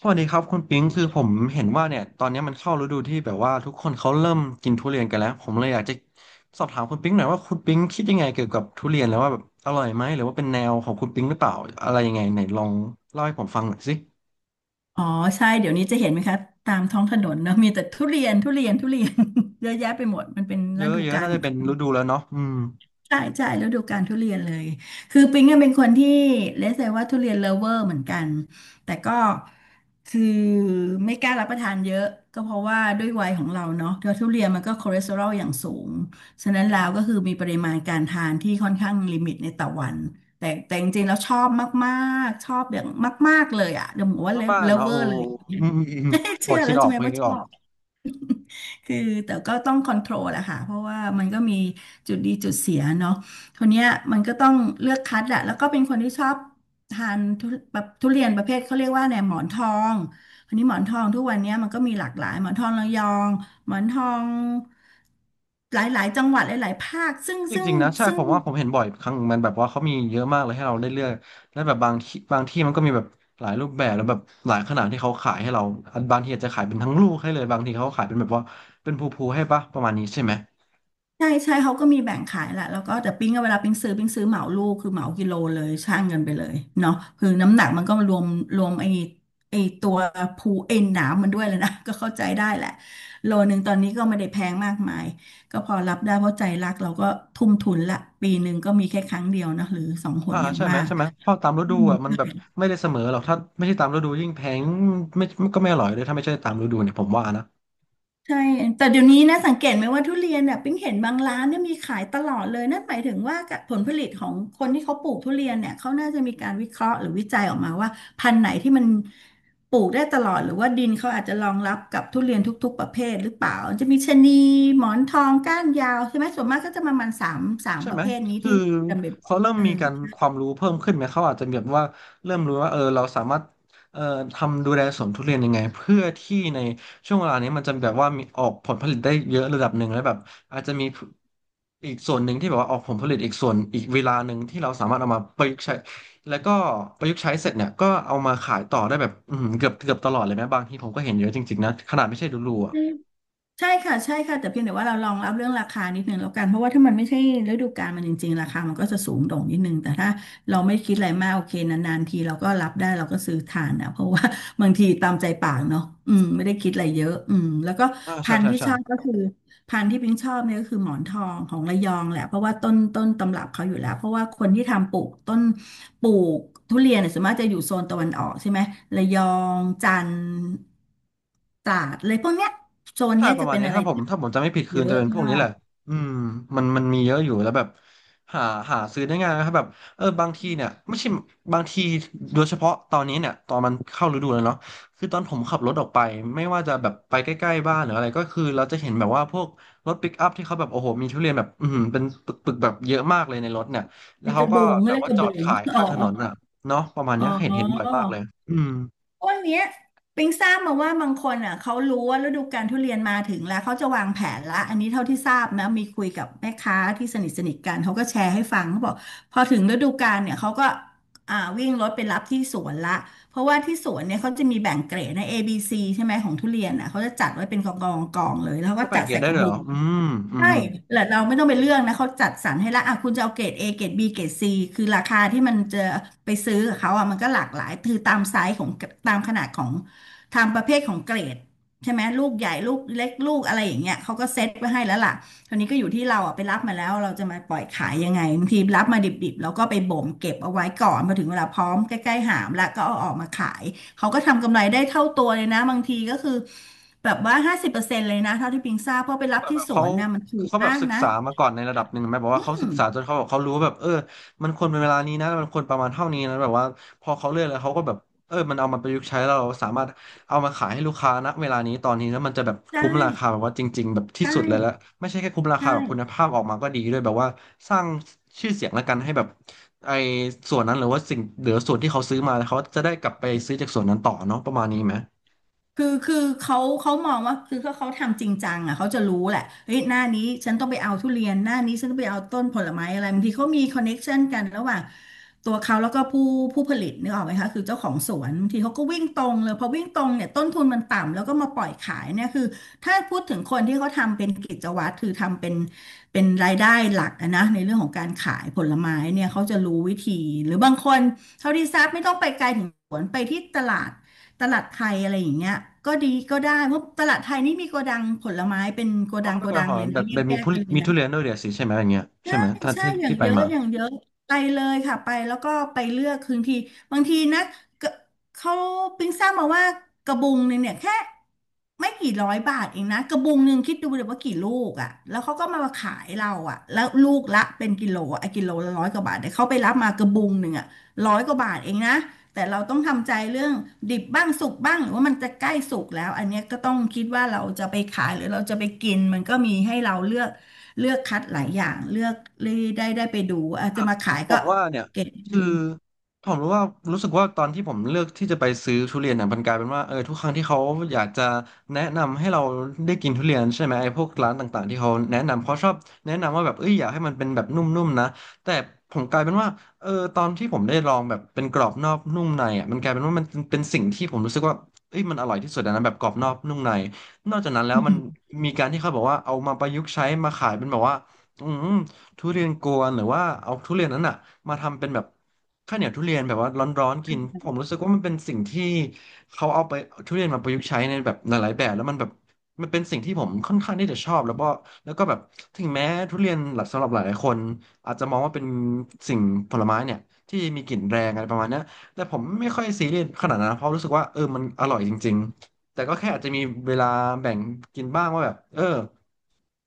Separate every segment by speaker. Speaker 1: สวัสดีครับคุณปิงคือผมเห็นว่าเนี่ยตอนนี้มันเข้าฤดูที่แบบว่าทุกคนเขาเริ่มกินทุเรียนกันแล้วผมเลยอยากจะสอบถามคุณปิงหน่อยว่าคุณปิงคิดยังไงเกี่ยวกับทุเรียนแล้วว่าแบบอร่อยไหมหรือว่าเป็นแนวของคุณปิงหรือเปล่าอะไรยังไงไหนลองเล่าให้ผมฟังหน่อยสิ
Speaker 2: อ๋อใช่เดี๋ยวนี้จะเห็นไหมคะตามท้องถนนเนอะมีแต่ทุเรียนทุเรียนทุเรียน เยอะแยะไปหมดมันเป็น
Speaker 1: เย
Speaker 2: ฤ
Speaker 1: อะ
Speaker 2: ดู
Speaker 1: เยอะ
Speaker 2: กาล
Speaker 1: น่า
Speaker 2: ข
Speaker 1: จะ
Speaker 2: อง
Speaker 1: เป็น
Speaker 2: เขา
Speaker 1: ฤดูแล้วเนาะอืม
Speaker 2: ใช่ใช่ฤดูกาลทุเรียนเลยคือปิ๊งเนี่ยเป็นคนที่เลสเซว่าทุเรียนเลิฟเวอร์เหมือนกันแต่ก็คือไม่กล้ารับประทานเยอะก็เพราะว่าด้วยวัยของเราเนาะแล้วทุเรียนมันก็คอเลสเตอรอลอย่างสูงฉะนั้นแล้วก็คือมีปริมาณการทานที่ค่อนข้างลิมิตในต่อวันแต่จริงๆแล้วชอบมากๆชอบอย่างมากๆเลยอ่ะเดี๋ยวบอกว่าเล
Speaker 1: มากๆ
Speaker 2: ิฟ
Speaker 1: เนาะ
Speaker 2: เวอ
Speaker 1: โอ้
Speaker 2: ร์เลย
Speaker 1: อืมอืมอืมพอ
Speaker 2: เชื่อ
Speaker 1: คิด
Speaker 2: แล้ว
Speaker 1: ออ
Speaker 2: ใช่
Speaker 1: ก
Speaker 2: ไหม
Speaker 1: พอ
Speaker 2: ว่า
Speaker 1: คิด
Speaker 2: ช
Speaker 1: ออ
Speaker 2: อ
Speaker 1: ก
Speaker 2: บ คือแต่ก็ต้องคอนโทรลอะค่ะเพราะว่ามันก็มีจุดดีจุดเสียเนาะคนเนี้ยมันก็ต้องเลือกคัดแหละแล้วก็เป็นคนที่ชอบทานทุแบบทุเรียนประเภทเขาเรียกว่าแีนยหมอนทองอันนี้หมอนทองทุกวันเนี้ยมันก็มีหลากหลายหมอนทองระยองหมอนทองหลายๆจังหวัดหลายๆภาคซึ่ง
Speaker 1: จ
Speaker 2: ซึ่ง
Speaker 1: ริงๆนะใช่
Speaker 2: ซึ่
Speaker 1: ผ
Speaker 2: ง
Speaker 1: มว่าผมเห็นบ่อยครั้งมันแบบว่าเขามีเยอะมากเลยให้เราได้เลือกและแบบบางที่มันก็มีแบบหลายรูปแบบแล้วแบบหลายขนาดที่เขาขายให้เราอันบางทีอาจจะขายเป็นทั้งลูกให้เลยบางทีเขาขายเป็นแบบว่าเป็นภูๆให้ปะประมาณนี้ใช่ไหม
Speaker 2: ใช่ใช่เขาก็มีแบ่งขายแหละแล้วก็แต่ปิ้งอะเวลาปิ้งซื้อเหมาลูกคือเหมากิโลเลยช่างเงินไปเลยเนาะคือน้ำหนักมันก็รวมไอ้ตัวภูเอ็นหนามมันด้วยเลยนะ ก็เข้าใจได้แหละโลนึงตอนนี้ก็ไม่ได้แพงมากมายก็พอรับได้เพราะใจรักเราก็ทุ่มทุนละปีหนึ่งก็มีแค่ครั้งเดียวนะหรือสองห
Speaker 1: อ่า
Speaker 2: นอย่าง
Speaker 1: ใช่ไห
Speaker 2: มา
Speaker 1: ม
Speaker 2: ก
Speaker 1: ใช่ไหมเพราะตามฤ
Speaker 2: อื
Speaker 1: ดู
Speaker 2: ม
Speaker 1: อ่ะมันแบบไม่ได้เสมอหรอกถ้าไม่ใช่ตามฤดูยิ่งแพงไม่ก็ไม่อร่อยเลยถ้าไม่ใช่ตามฤดูเนี่ยผมว่านะ
Speaker 2: ใช่ แต่เดี๋ยวนี้นะสังเกตไหมว่าทุเรียนเนี่ยปิ๊งเห็นบางร้านเนี่ยมีขายตลอดเลยนั่นหมายถึงว่าผลผลิตของคนที่เขาปลูกทุเรียนเนี่ยเขาน่าจะมีการวิเคราะห์หรือวิจัยออกมาว่าพันธุ์ไหนที่มันปลูกได้ตลอดหรือว่าดินเขาอาจจะรองรับกับทุเรียนทุกๆประเภทหรือเปล่าจะมีชะนีหมอนทองก้านยาวใช่ไหมส่วนมากก็จะประมาณสาม
Speaker 1: ใช่
Speaker 2: ประ
Speaker 1: ไหม
Speaker 2: เภทนี้
Speaker 1: คือ
Speaker 2: ที่จำเป็นบ่อ
Speaker 1: เขา
Speaker 2: ย
Speaker 1: เริ่ม
Speaker 2: เออ
Speaker 1: มีการความรู้เพิ่มขึ้นไหม เขาอาจจะแบบว่าเริ่มรู้ว่าเออเราสามารถเอ่อทำดูแลสวนทุเรียนยังไงเพื่อที่ในช่วงเวลานี้มันจะแบบว่ามีออกผลผลิตได้เยอะระดับหนึ่งแล้วแบบอาจจะมีอีกส่วนหนึ่งที่แบบว่าออกผลผลิตอีกส่วนอีกเวลาหนึ่งที่เราสามารถเอามาประยุกต์ใช้แล้วก็ประยุกต์ใช้เสร็จเนี่ยก็เอามาขายต่อได้แบบอือหือเกือบตลอดเลยไหมบางทีผมก็เห็นเยอะจริงๆนะขนาดไม่ใช่ดูรูอ่ะ
Speaker 2: ใช่ค่ะใช่ค่ะแต่เพียงแต่ว่าเราลองรับเรื่องราคานิดนึงแล้วกันเพราะว่าถ้ามันไม่ใช่ฤดูกาลมันจริงๆราคามันก็จะสูงโด่งนิดนึงแต่ถ้าเราไม่คิดอะไรมากโอเคนานๆทีเราก็รับได้เราก็ซื้อทานนะเพราะว่า บางทีตามใจปากเนาะอืมไม่ได้คิดอะไรเยอะอืมแล้วก็
Speaker 1: อ่าใช่
Speaker 2: พันธุ์
Speaker 1: ใช่
Speaker 2: ที่ช
Speaker 1: ใช่
Speaker 2: อบก็คือพันธุ์ที่พิงชอบเนี่ยก็คือหมอนทองของระยองแหละเพราะว่าต้นตำรับเขาอยู่แล้วเพราะว่าคนที่ทำปลูกต้น ปลูกทุเรียนเนี่ยส่วนมากจะอยู่โซนตะวันออกใช่ไหมระยองจันทร์ตราดเลยพวกเนี้ยโซน
Speaker 1: ใช่
Speaker 2: เนี้ย
Speaker 1: ประ
Speaker 2: จะ
Speaker 1: มาณ
Speaker 2: เป็น
Speaker 1: นี้
Speaker 2: อะไร
Speaker 1: ถ้าผม
Speaker 2: ที่
Speaker 1: ถ้าผมจำไม่ผิดคื
Speaker 2: เย
Speaker 1: นจะ
Speaker 2: อะ
Speaker 1: เป็นพวก
Speaker 2: มา
Speaker 1: นี้แห
Speaker 2: ก
Speaker 1: ละอืมมันมีเยอะอยู่แล้วแบบหาหาซื้อได้ง่ายนะครับแบบเออบางทีเนี่ยไม่ใช่บางทีโดยเฉพาะตอนนี้เนี่ยตอนมันเข้าฤดูแล้วเนาะคือตอนผมขับรถออกไปไม่ว่าจะแบบไปใกล้ๆบ้านหรืออะไรก็คือเราจะเห็นแบบว่าพวกรถปิกอัพที่เขาแบบโอ้โหมีทุเรียนแบบอืมเป็นปึกๆแบบเยอะมากเลยในรถเนี่ยแล้
Speaker 2: เป็
Speaker 1: ว
Speaker 2: นก
Speaker 1: เขา
Speaker 2: ระ
Speaker 1: ก็
Speaker 2: บุง
Speaker 1: แบ
Speaker 2: ก็
Speaker 1: บ
Speaker 2: เลย
Speaker 1: ว่า
Speaker 2: กระ
Speaker 1: จอ
Speaker 2: บุ
Speaker 1: ด
Speaker 2: ง
Speaker 1: ขายข้า
Speaker 2: อ๋อ
Speaker 1: งถนนอ่ะเนาะประมาณ
Speaker 2: อ๋
Speaker 1: เนี้ยเห็นบ่อยมากเลย
Speaker 2: อ
Speaker 1: อืม
Speaker 2: วันเนี้ยปิงทราบมาว่าบางคนอ่ะเขารู้ว่าฤดูกาลทุเรียนมาถึงแล้วเขาจะวางแผนละอันนี้เท่าที่ทราบนะมีคุยกับแม่ค้าที่สนิทสนิทกันเขาก็แชร์ให้ฟังเขาบอกพอถึงฤดูกาลเนี่ยเขาก็อ่าวิ่งรถไปรับที่สวนละเพราะว่าที่สวนเนี่ยเขาจะมีแบ่งเกรดนะ A ซีใช่ไหมของทุเรียนอ่ะเขาจะจัดไว้เป็นกองเลยแล้วเขา
Speaker 1: ก็
Speaker 2: ก็
Speaker 1: แบ่
Speaker 2: จั
Speaker 1: ง
Speaker 2: ด
Speaker 1: เกรด
Speaker 2: ใส่
Speaker 1: ได้
Speaker 2: กระ
Speaker 1: เลย
Speaker 2: บุ
Speaker 1: เหร
Speaker 2: ง
Speaker 1: ออืมอืม
Speaker 2: ใช่
Speaker 1: อืม
Speaker 2: แล้วเราไม่ต้องไปเรื่องนะเขาจัดสรรให้ละอ่ะคุณจะเอาเกรด A เกรด B เกรด C คือราคาที่มันจะไปซื้อกับเขาอ่ะมันก็หลากหลายคือตามไซส์ของตามขนาดของตามประเภทของเกรดใช่ไหมลูกใหญ่ลูกเล็กลูกอะไรอย่างเงี้ยเขาก็เซ็ตไว้ให้แล้วล่ะ คราวนี้ก็อยู่ที่เราอ่ะไปรับมาแล้วเราจะมาปล่อยขายยังไงบางทีรับมาดิบๆแล้วก็ไปบ่มเก็บเอาไว้ก่อนพอถึงเวลาพร้อมใกล้ๆหามแล้วก็เอาออกมาขายเขาก็ทำกำไรได้เท่าตัวเลยนะบางทีก็คือแบบว่า50%เลยนะเท่าที่ปิงทราบเพราะไปรับ
Speaker 1: แบบ
Speaker 2: ที่ส
Speaker 1: เขา
Speaker 2: วนนะมันถู
Speaker 1: คือ
Speaker 2: ก
Speaker 1: เขาแบบ
Speaker 2: มาก
Speaker 1: ศึก
Speaker 2: นะ
Speaker 1: ษามาก่อนในระดับหนึ่งไหมบอก
Speaker 2: อื
Speaker 1: ว่าเขาศึ
Speaker 2: ม
Speaker 1: กษาจนเขาแบบเขารู้ว่าแบบเออมันควรเป็นเวลานี้นะมันควรประมาณเท่านี้นะแบบว่าพอเขาเลือกแล้วเขาก็แบบเออมันเอามาประยุกต์ใช้แล้วเราสามารถเอามาขายให้ลูกค้าณเวลานี้ตอนนี้แล้วมันจะแบบ
Speaker 2: ใช่
Speaker 1: คุ้มราคาแบบว่าจริงๆแบบที่
Speaker 2: ใช่
Speaker 1: สุดเลยแล้วไม่ใช่แค่คุ้มรา
Speaker 2: ใ
Speaker 1: คาแบบคุณ
Speaker 2: ช่
Speaker 1: ภาพออกมาก็ดีด้วยแบบว่าสร้างชื่อเสียงแล้วกันให้แบบไอ้ส่วนนั้นหรือว่าสิ่งหรือส่วนที่เขาซื้อมาแล้วเขาจะได้กลับไปซื้อจากส่วนนั้นต่อเนาะประมาณนี้ไหม
Speaker 2: คือเขามองว่าคือเ้าเขาทำจริงจังอ่ะเขาจะรู้แหละเฮ้ยหน้านี้ฉันต้องไปเอาทุเรียนหน้านี้ฉันต้องไปเอาต้นผลไม้อะไรบางทีเขามีคอนเน็กชันกันระหว่างตัวเขาแล้วก็ผู้ผลิตนึกออกไหมคะคือเจ้าของสวนบางทีเขาก็วิ่งตรงเลยพอวิ่งตรงเนี่ยต้นทุนมันต่ำแล้วก็มาปล่อยขายเนี่ยคือถ้าพูดถึงคนที่เขาทำเป็นกิจวัตรคือทำเป็นรายได้หลักอะนะในเรื่องของการขายผลไม้เนี่ยเขาจะรู้วิธีหรือบางคน เท่าที่ทราบไม่ต้องไปไกลถึงสวนไปที่ตลาดตลาดไทยอะไรอย่างเงี้ยก็ดีก็ได้เพราะตลาดไทยนี่มีโกดังผลไม้เป็นโก
Speaker 1: อ๋อ
Speaker 2: ดัง
Speaker 1: เขาไป
Speaker 2: โก
Speaker 1: กน
Speaker 2: ดั
Speaker 1: น
Speaker 2: ง
Speaker 1: หอ
Speaker 2: เล
Speaker 1: ม
Speaker 2: ย
Speaker 1: แบ
Speaker 2: นะ
Speaker 1: บ
Speaker 2: แ
Speaker 1: แบบ
Speaker 2: ย
Speaker 1: มี
Speaker 2: ก
Speaker 1: ผู้
Speaker 2: ๆกันเลย
Speaker 1: มี
Speaker 2: นะ
Speaker 1: ทุเรียนด้วยเดี๋ยวสิใช่ไหมอย่างเงี้ยใช่
Speaker 2: ใช่
Speaker 1: ไหมท่าน
Speaker 2: ใช่
Speaker 1: ที่
Speaker 2: อย่า
Speaker 1: ที่
Speaker 2: ง
Speaker 1: ไป
Speaker 2: เยอะ
Speaker 1: มา
Speaker 2: อย่างเยอะไปเลยค่ะไปแล้วก็ไปเลือกคืนทีบางทีนะกเขาปิ้งทราบมาว่ากระบุงหนึ่งเนี่ยแค่ไม่กี่ร้อยบาทเองนะกระบุงหนึ่งคิดดูเลยว่ากี่ลูกอ่ะแล้วเขาก็มาขายเราอ่ะแล้วลูกละเป็นกิโลอะกิโลละร้อยกว่าบาทแต่เขาไปรับมากระบุงหนึ่งอ่ะร้อยกว่าบาทเองนะแต่เราต้องทำใจเรื่องดิบบ้างสุกบ้างหรือว่ามันจะใกล้สุกแล้วอันเนี้ยก็ต้องคิดว่าเราจะไปขายหรือเราจะไปกินมันก็มีให้เราเลือก เลือกคัดหลายอย่างเลือกเลยได้ไปดูอาจจะมาขาย
Speaker 1: ผ
Speaker 2: ก็
Speaker 1: มว่าเนี่ย
Speaker 2: เก็บ
Speaker 1: คื
Speaker 2: เงิ
Speaker 1: อ
Speaker 2: น
Speaker 1: ผมรู้ว่ารู้สึกว่าตอนที่ผมเลือกที่จะไปซื้อทุเรียนเนี่ยมันกลายเป็นว่าเออทุกครั้งที่เขาอยากจะแนะนำให้เราได้กินทุเรียนใช่ไหมไอ้พวกร้านต่างๆที่เขาแนะนำเขาชอบแนะนำว่าแบบเอ้ยอยากให้มันเป็นแบบนุ่มๆนะแต่ผมกลายเป็นว่าเออตอนที่ผมได้ลองแบบเป็นกรอบนอกนุ่มในอ่ะมันกลายเป็นว่ามันเป็นสิ่งที่ผมรู้สึกว่าเอ้ยมันอร่อยที่สุดอะนะแบบกรอบนอกนุ่มในนอกจากนั้นแล้ว
Speaker 2: อื
Speaker 1: มัน
Speaker 2: ม
Speaker 1: มีการที่เขาบอกว่าเอามาประยุกต์ใช้มาขายเป็นแบบว่าอืม ทุเรียนกวนหรือว่าเอาทุเรียนนั้นอ่ะมาทำเป็นแบบข้าวเหนียวทุเรียนแบบว่าร้อนๆกินผมรู้สึกว่ามันเป็นสิ่งที่เขาเอาไปทุเรียนมาประยุกต์ใช้ในแบบหลายๆแบบแล้วมันแบบมันเป็นสิ่งที่ผมค่อนข้างที่จะชอบแล้วก็แล้วก็แบบถึงแม้ทุเรียนหลักสำหรับหลายๆคนอาจจะมองว่าเป็นสิ่งผลไม้เนี่ยที่มีกลิ่นแรงอะไรประมาณเนี้ยแต่ผมไม่ค่อยซีเรียสขนาดนั้นนะเพราะรู้สึกว่าเออมันอร่อยจริงๆ แต่ก็แค่อาจจะมีเวลาแบ่งกินบ้างว่าแบบ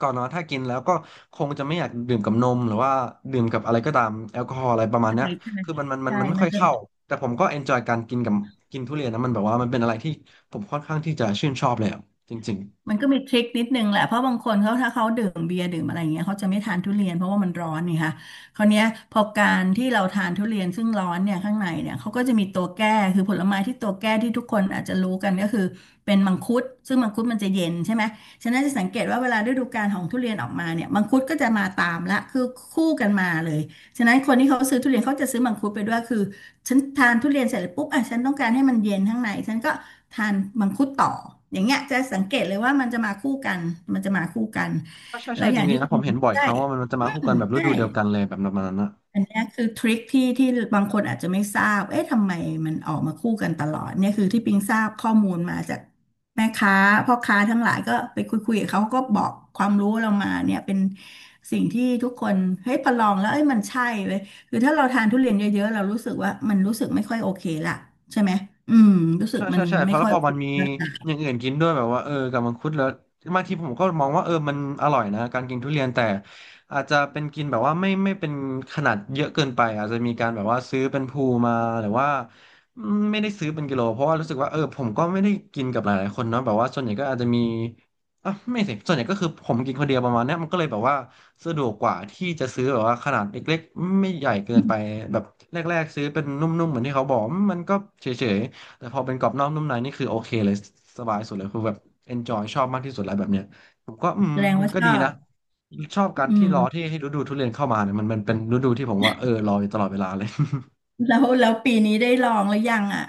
Speaker 1: ก่อนนอนถ้ากินแล้วก็คงจะไม่อยากดื่มกับนมหรือว่าดื่มกับอะไรก็ตามแอลกอฮอล์อะไรประมาณเนี้ย
Speaker 2: ใช่ใช่
Speaker 1: คือมันมันมัน
Speaker 2: ใช่
Speaker 1: มันไม่
Speaker 2: มั
Speaker 1: ค่
Speaker 2: น
Speaker 1: อย
Speaker 2: จะ
Speaker 1: เข้าแต่ผมก็เอนจอยการกินกับกินทุเรียนนะมันแบบว่ามันเป็นอะไรที่ผมค่อนข้างที่จะชื่นชอบเลยอะจริง
Speaker 2: มัน
Speaker 1: ๆ
Speaker 2: ก็มีทริคนิดนึงแหละเพราะบางคนเขาถ้าเขาดื่มเบียร์ดื่มอะไรอย่างเงี้ยเขาจะไม่ทานทุเรียนเพราะว่ามันร้อนนี่ค่ะคราวเนี้ยพอการที่เราทานทุเรียนซึ่งร้อนเนี่ยข้างในเนี่ยเขาก็จะมีตัวแก้คือผลไม้ที่ตัวแก้ที่ทุกคนอาจจะรู้กันก็คือเป็นมังคุดซึ่งมังคุดมันจะเย็นใช่ไหมฉะนั้นจะสังเกตว่าเวลาฤดูกาลของทุเรียนออกมาเนี่ยมังคุดก็จะมาตามละคือคู่กันมาเลยฉะนั้นคนที่เขาซื้อทุเรียนเขาจะซื้อมังคุดไปด้วยคือฉันทานทุเรียนเสร็จแล้วปุ๊บอ่ะฉันต้องการให้มันเย็นข้างในฉันก็ ทานมังคุดต่ออย่างเงี้ยจะสังเกตเลยว่ามันจะมาคู่กันมันจะมาคู่กัน
Speaker 1: ใช่ใช่
Speaker 2: แล้
Speaker 1: ใช่
Speaker 2: วอ
Speaker 1: จ
Speaker 2: ย่าง
Speaker 1: ริ
Speaker 2: ที่
Speaker 1: งๆนะ
Speaker 2: คุณ
Speaker 1: ผ
Speaker 2: หม
Speaker 1: ม
Speaker 2: อ
Speaker 1: เห็นบ่อยค
Speaker 2: ใด้
Speaker 1: รั้งว่ามันจะ
Speaker 2: อื
Speaker 1: มาคู่
Speaker 2: ม
Speaker 1: กันแบบฤ
Speaker 2: ใช่
Speaker 1: ดูเดียวกันเลยแบบประมาณนั้นนะ
Speaker 2: อันเนี้ยคือทริคที่ที่บางคนอาจจะไม่ทราบเอ๊ะทำไมมันออกมาคู่กันตลอดเนี่ยคือที่ปิงทราบข้อมูลมาจากแม่ค้าพ่อค้าทั้งหลายก็ไปคุยกับเขาก็บอกความรู้เรามาเนี่ยเป็นสิ่งที่ทุกคนเฮ้ยพอลองแล้วเอ้ยมันใช่เลยคือถ้าเราทานทุเรียนเยอะๆเรารู้สึกว่ามันรู้สึกไม่ค่อยโอเคละใช่ไหมอืมรู้สึ
Speaker 1: ใช่
Speaker 2: กมั
Speaker 1: ใช่
Speaker 2: น
Speaker 1: ใช่เพ
Speaker 2: ไม่
Speaker 1: ราะแล้
Speaker 2: ค่
Speaker 1: ว
Speaker 2: อย
Speaker 1: พอ
Speaker 2: โอเค
Speaker 1: มันมีอย่างอื่นกินด้วยแบบว่ากับมังคุดแล้วบางทีผมก็มองว่ามันอร่อยนะการกินทุเรียนแต่อาจจะเป็นกินแบบว่าไม่เป็นขนาดเยอะเกินไปอาจจะมีการแบบว่าซื้อเป็นภูมาหรือว่าไม่ได้ซื้อเป็นกิโลเพราะว่ารู้สึกว่าผมก็ไม่ได้กินกับหลายๆคนเนาะแบบว่าส่วนใหญ่ก็อาจจะมีอ่ะไม่สิส่วนใหญ่ก็คือผมกินคนเดียวประมาณเนี้ยมันก็เลยแบบว่าสะดวกกว่าที่จะซื้อแบบว่าขนาดเล็กๆไม่ใหญ่เกินไปแบบแรกๆซื้อเป็นนุ่มๆเหมือนที่เขาบอกมันก็เฉยๆ แต่พอเป็นกรอบนอกนุ่มในนี่คือโอเคเลยสบายสุดเลยคือแบบ enjoy ชอบมากที่สุดแล้วแบบเนี้ยผมก็
Speaker 2: แสดง
Speaker 1: มัน
Speaker 2: ว่า
Speaker 1: ก็
Speaker 2: ชอ
Speaker 1: ดีนะ
Speaker 2: บ
Speaker 1: ชอบการ
Speaker 2: อื
Speaker 1: ที่ร
Speaker 2: ม
Speaker 1: อที่ให้ฤดูทุเรียนเข้ามาเนี่ยมันเป็นฤดูที่ผมว่ารออยู่ตลอดเวลาเลย
Speaker 2: แล้วปีนี้ได้ลองหรือยังอ่ะ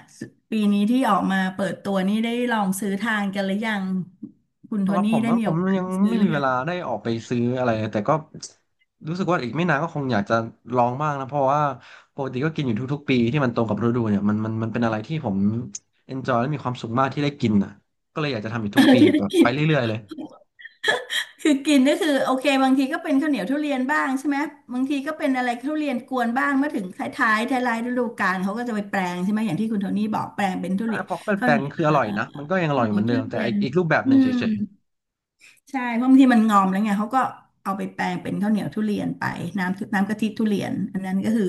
Speaker 2: ปีนี้ที่ออกมาเปิดตัวนี่ได้ลองซื้อทานกันหรือยังคุณ โท
Speaker 1: สำหรับ
Speaker 2: นี่
Speaker 1: ผม
Speaker 2: ได้
Speaker 1: นะ
Speaker 2: มี
Speaker 1: ผ
Speaker 2: โอ
Speaker 1: ม
Speaker 2: กาส
Speaker 1: ยัง
Speaker 2: ได้ซื้อ
Speaker 1: ไม่
Speaker 2: หรื
Speaker 1: มี
Speaker 2: อ
Speaker 1: เว
Speaker 2: ยัง
Speaker 1: ลาได้ออกไปซื้ออะไรแต่ก็รู้สึกว่าอีกไม่นานก็คงอยากจะลองบ้างนะเพราะว่าปกติก็กินอยู่ทุกๆปีที่มันตรงกับฤดูเนี่ยมันเป็นอะไรที่ผม enjoy และมีความสุขมากที่ได้กินอ่ะก็เลยอยากจะทำอีก
Speaker 2: เอ
Speaker 1: ทุ
Speaker 2: อ
Speaker 1: กปี
Speaker 2: ที่
Speaker 1: แบ
Speaker 2: ได้
Speaker 1: บ
Speaker 2: กิ
Speaker 1: ไป
Speaker 2: น
Speaker 1: เรื่อยๆเลย
Speaker 2: คือกินก็คือโอเคบางทีก็เป็นข้าวเหนียวทุเรียนบ้างใช่ไหมบางทีก็เป็นอะไรทุเรียนกวนบ้างเมื่อถึงท้ายๆท้ายๆฤดูกาลเขาก็จะไปแปลงใช่ไหมอย่างที่คุณโทนี่บอกแปลงเป็นทุ
Speaker 1: อ่ะ
Speaker 2: เรียน
Speaker 1: พอเขาเป็น
Speaker 2: ข้า
Speaker 1: แป
Speaker 2: ว
Speaker 1: ล
Speaker 2: เห
Speaker 1: ง
Speaker 2: นียว
Speaker 1: คืออ
Speaker 2: เ
Speaker 1: ร่อยนะมันก็ยังอ
Speaker 2: ข้า
Speaker 1: ร่อ
Speaker 2: ว
Speaker 1: ย
Speaker 2: เหนี
Speaker 1: เห
Speaker 2: ย
Speaker 1: มือ
Speaker 2: ว
Speaker 1: นเดิ
Speaker 2: ทุ
Speaker 1: มแต่
Speaker 2: เรีย
Speaker 1: อี
Speaker 2: น
Speaker 1: กอีกรูปแบบ
Speaker 2: อื
Speaker 1: หนึ่ง
Speaker 2: ม
Speaker 1: เฉย
Speaker 2: ใช่เพราะบางทีมันงอมแล้วไงเขาก็เอาไปแปลงเป็นข้าวเหนียวทุเรียนไปน้ำกะทิทุเรียนอันนั้นก็คือ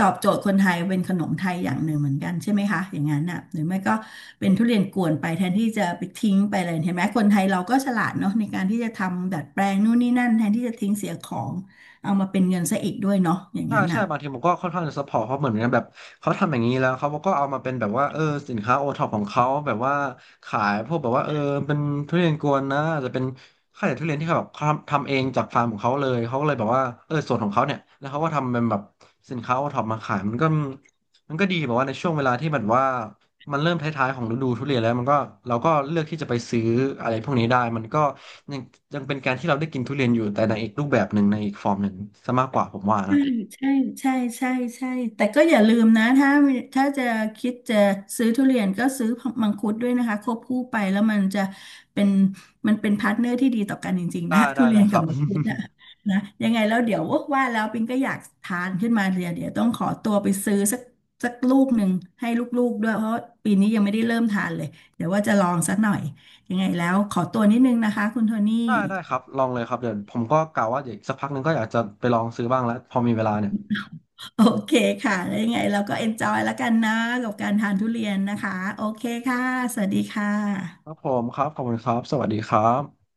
Speaker 2: ตอบโจทย์คนไทยเป็นขนมไทยอย่างหนึ่งเหมือนกันใช่ไหมคะอย่างนั้นน่ะหรือไม่ก็เป็นทุเรียนกวนไปแทนที่จะไปทิ้งไปเลยเห็นไหมคนไทยเราก็ฉลาดเนาะในการที่จะทำดัดแปลงนู่นนี่นั่นแทนที่จะทิ้งเสียของเอามาเป็นเงินซะอีกด้วยเนาะอย่าง
Speaker 1: ใช่
Speaker 2: นั้น
Speaker 1: ใช่
Speaker 2: น่ะ
Speaker 1: บางทีผมก็ค่อนข้างจะซัพพอร์ตเขาเหมือนกันแบบเขาทำอย่างนี้แล้วเขาก็เอามาเป็นแบบว่าสินค้าโอท็อปของเขาแบบว่าขายพวกแบบว่าเป็นทุเรียนกวนนะอาจจะเป็นข้าวเหนียวทุเรียนที่เขาแบบเขาทำเองจากฟาร์มของเขาเลยเขาก็เลยแบบว่าส่วนของเขาเนี่ยแล้วเขาก็ทำเป็นแบบสินค้าโอท็อปมาขายมันก็ดีแบบว่าในช่วงเวลาที่แบบว่ามันเริ่มท้ายๆของฤดูทุเรียนแล้วมันก็เราก็เลือกที่จะไปซื้ออะไรพวกนี้ได้มันก็ยังยังเป็นการที่เราได้กินทุเรียนอยู่แต่ในอีกรูปแบบหนึ่งในอีกฟอร์มหนึ่งซะมากกว่าผมว่า
Speaker 2: ใ
Speaker 1: นะ
Speaker 2: ช่ใช่ใช่ใช่แต่ก็อย่าลืมนะถ้าถ้าจะคิดจะซื้อทุเรียนก็ซื้อมังคุดด้วยนะคะควบคู่ไปแล้วมันจะเป็นมันเป็นพาร์ทเนอร์ที่ดีต่อกันจริงๆ
Speaker 1: ได้
Speaker 2: นะ ทุ
Speaker 1: ได้
Speaker 2: เรีย
Speaker 1: ได้
Speaker 2: น
Speaker 1: ค
Speaker 2: กั
Speaker 1: รั
Speaker 2: บ
Speaker 1: บ
Speaker 2: มังคุดนะ นะยังไงแล้วเดี๋ยวว่าแล้วปิงก็อยากทานขึ้นมาเดี๋ยวเดี๋ยวต้องขอตัวไปซื้อสักสักลูกหนึ่งให้ลูกๆด้วยเพราะปีนี้ยังไม่ได้เริ่มทานเลยเดี๋ยวว่าจะลองสักหน่อยยังไงแล้วขอตัวนิดนึงนะคะคุณโทนี่
Speaker 1: ได้ได้ครับลองเลยครับเดี๋ยวผมก็กะว่าเดี๋ยวอีกสักพักหนึงก็อยากจะไปลองซื้อบ้างแล้วพอมีเวลาเนี่ย
Speaker 2: โอเคค่ะแล้วยังไงเราก็เอนจอยแล้วกันนะกับการทานทุเรียนนะคะ โอเคค่ะ สวัสดีค่
Speaker 1: ครับ
Speaker 2: ะ
Speaker 1: ผมครับขอบคุณครับสวัสดีครับ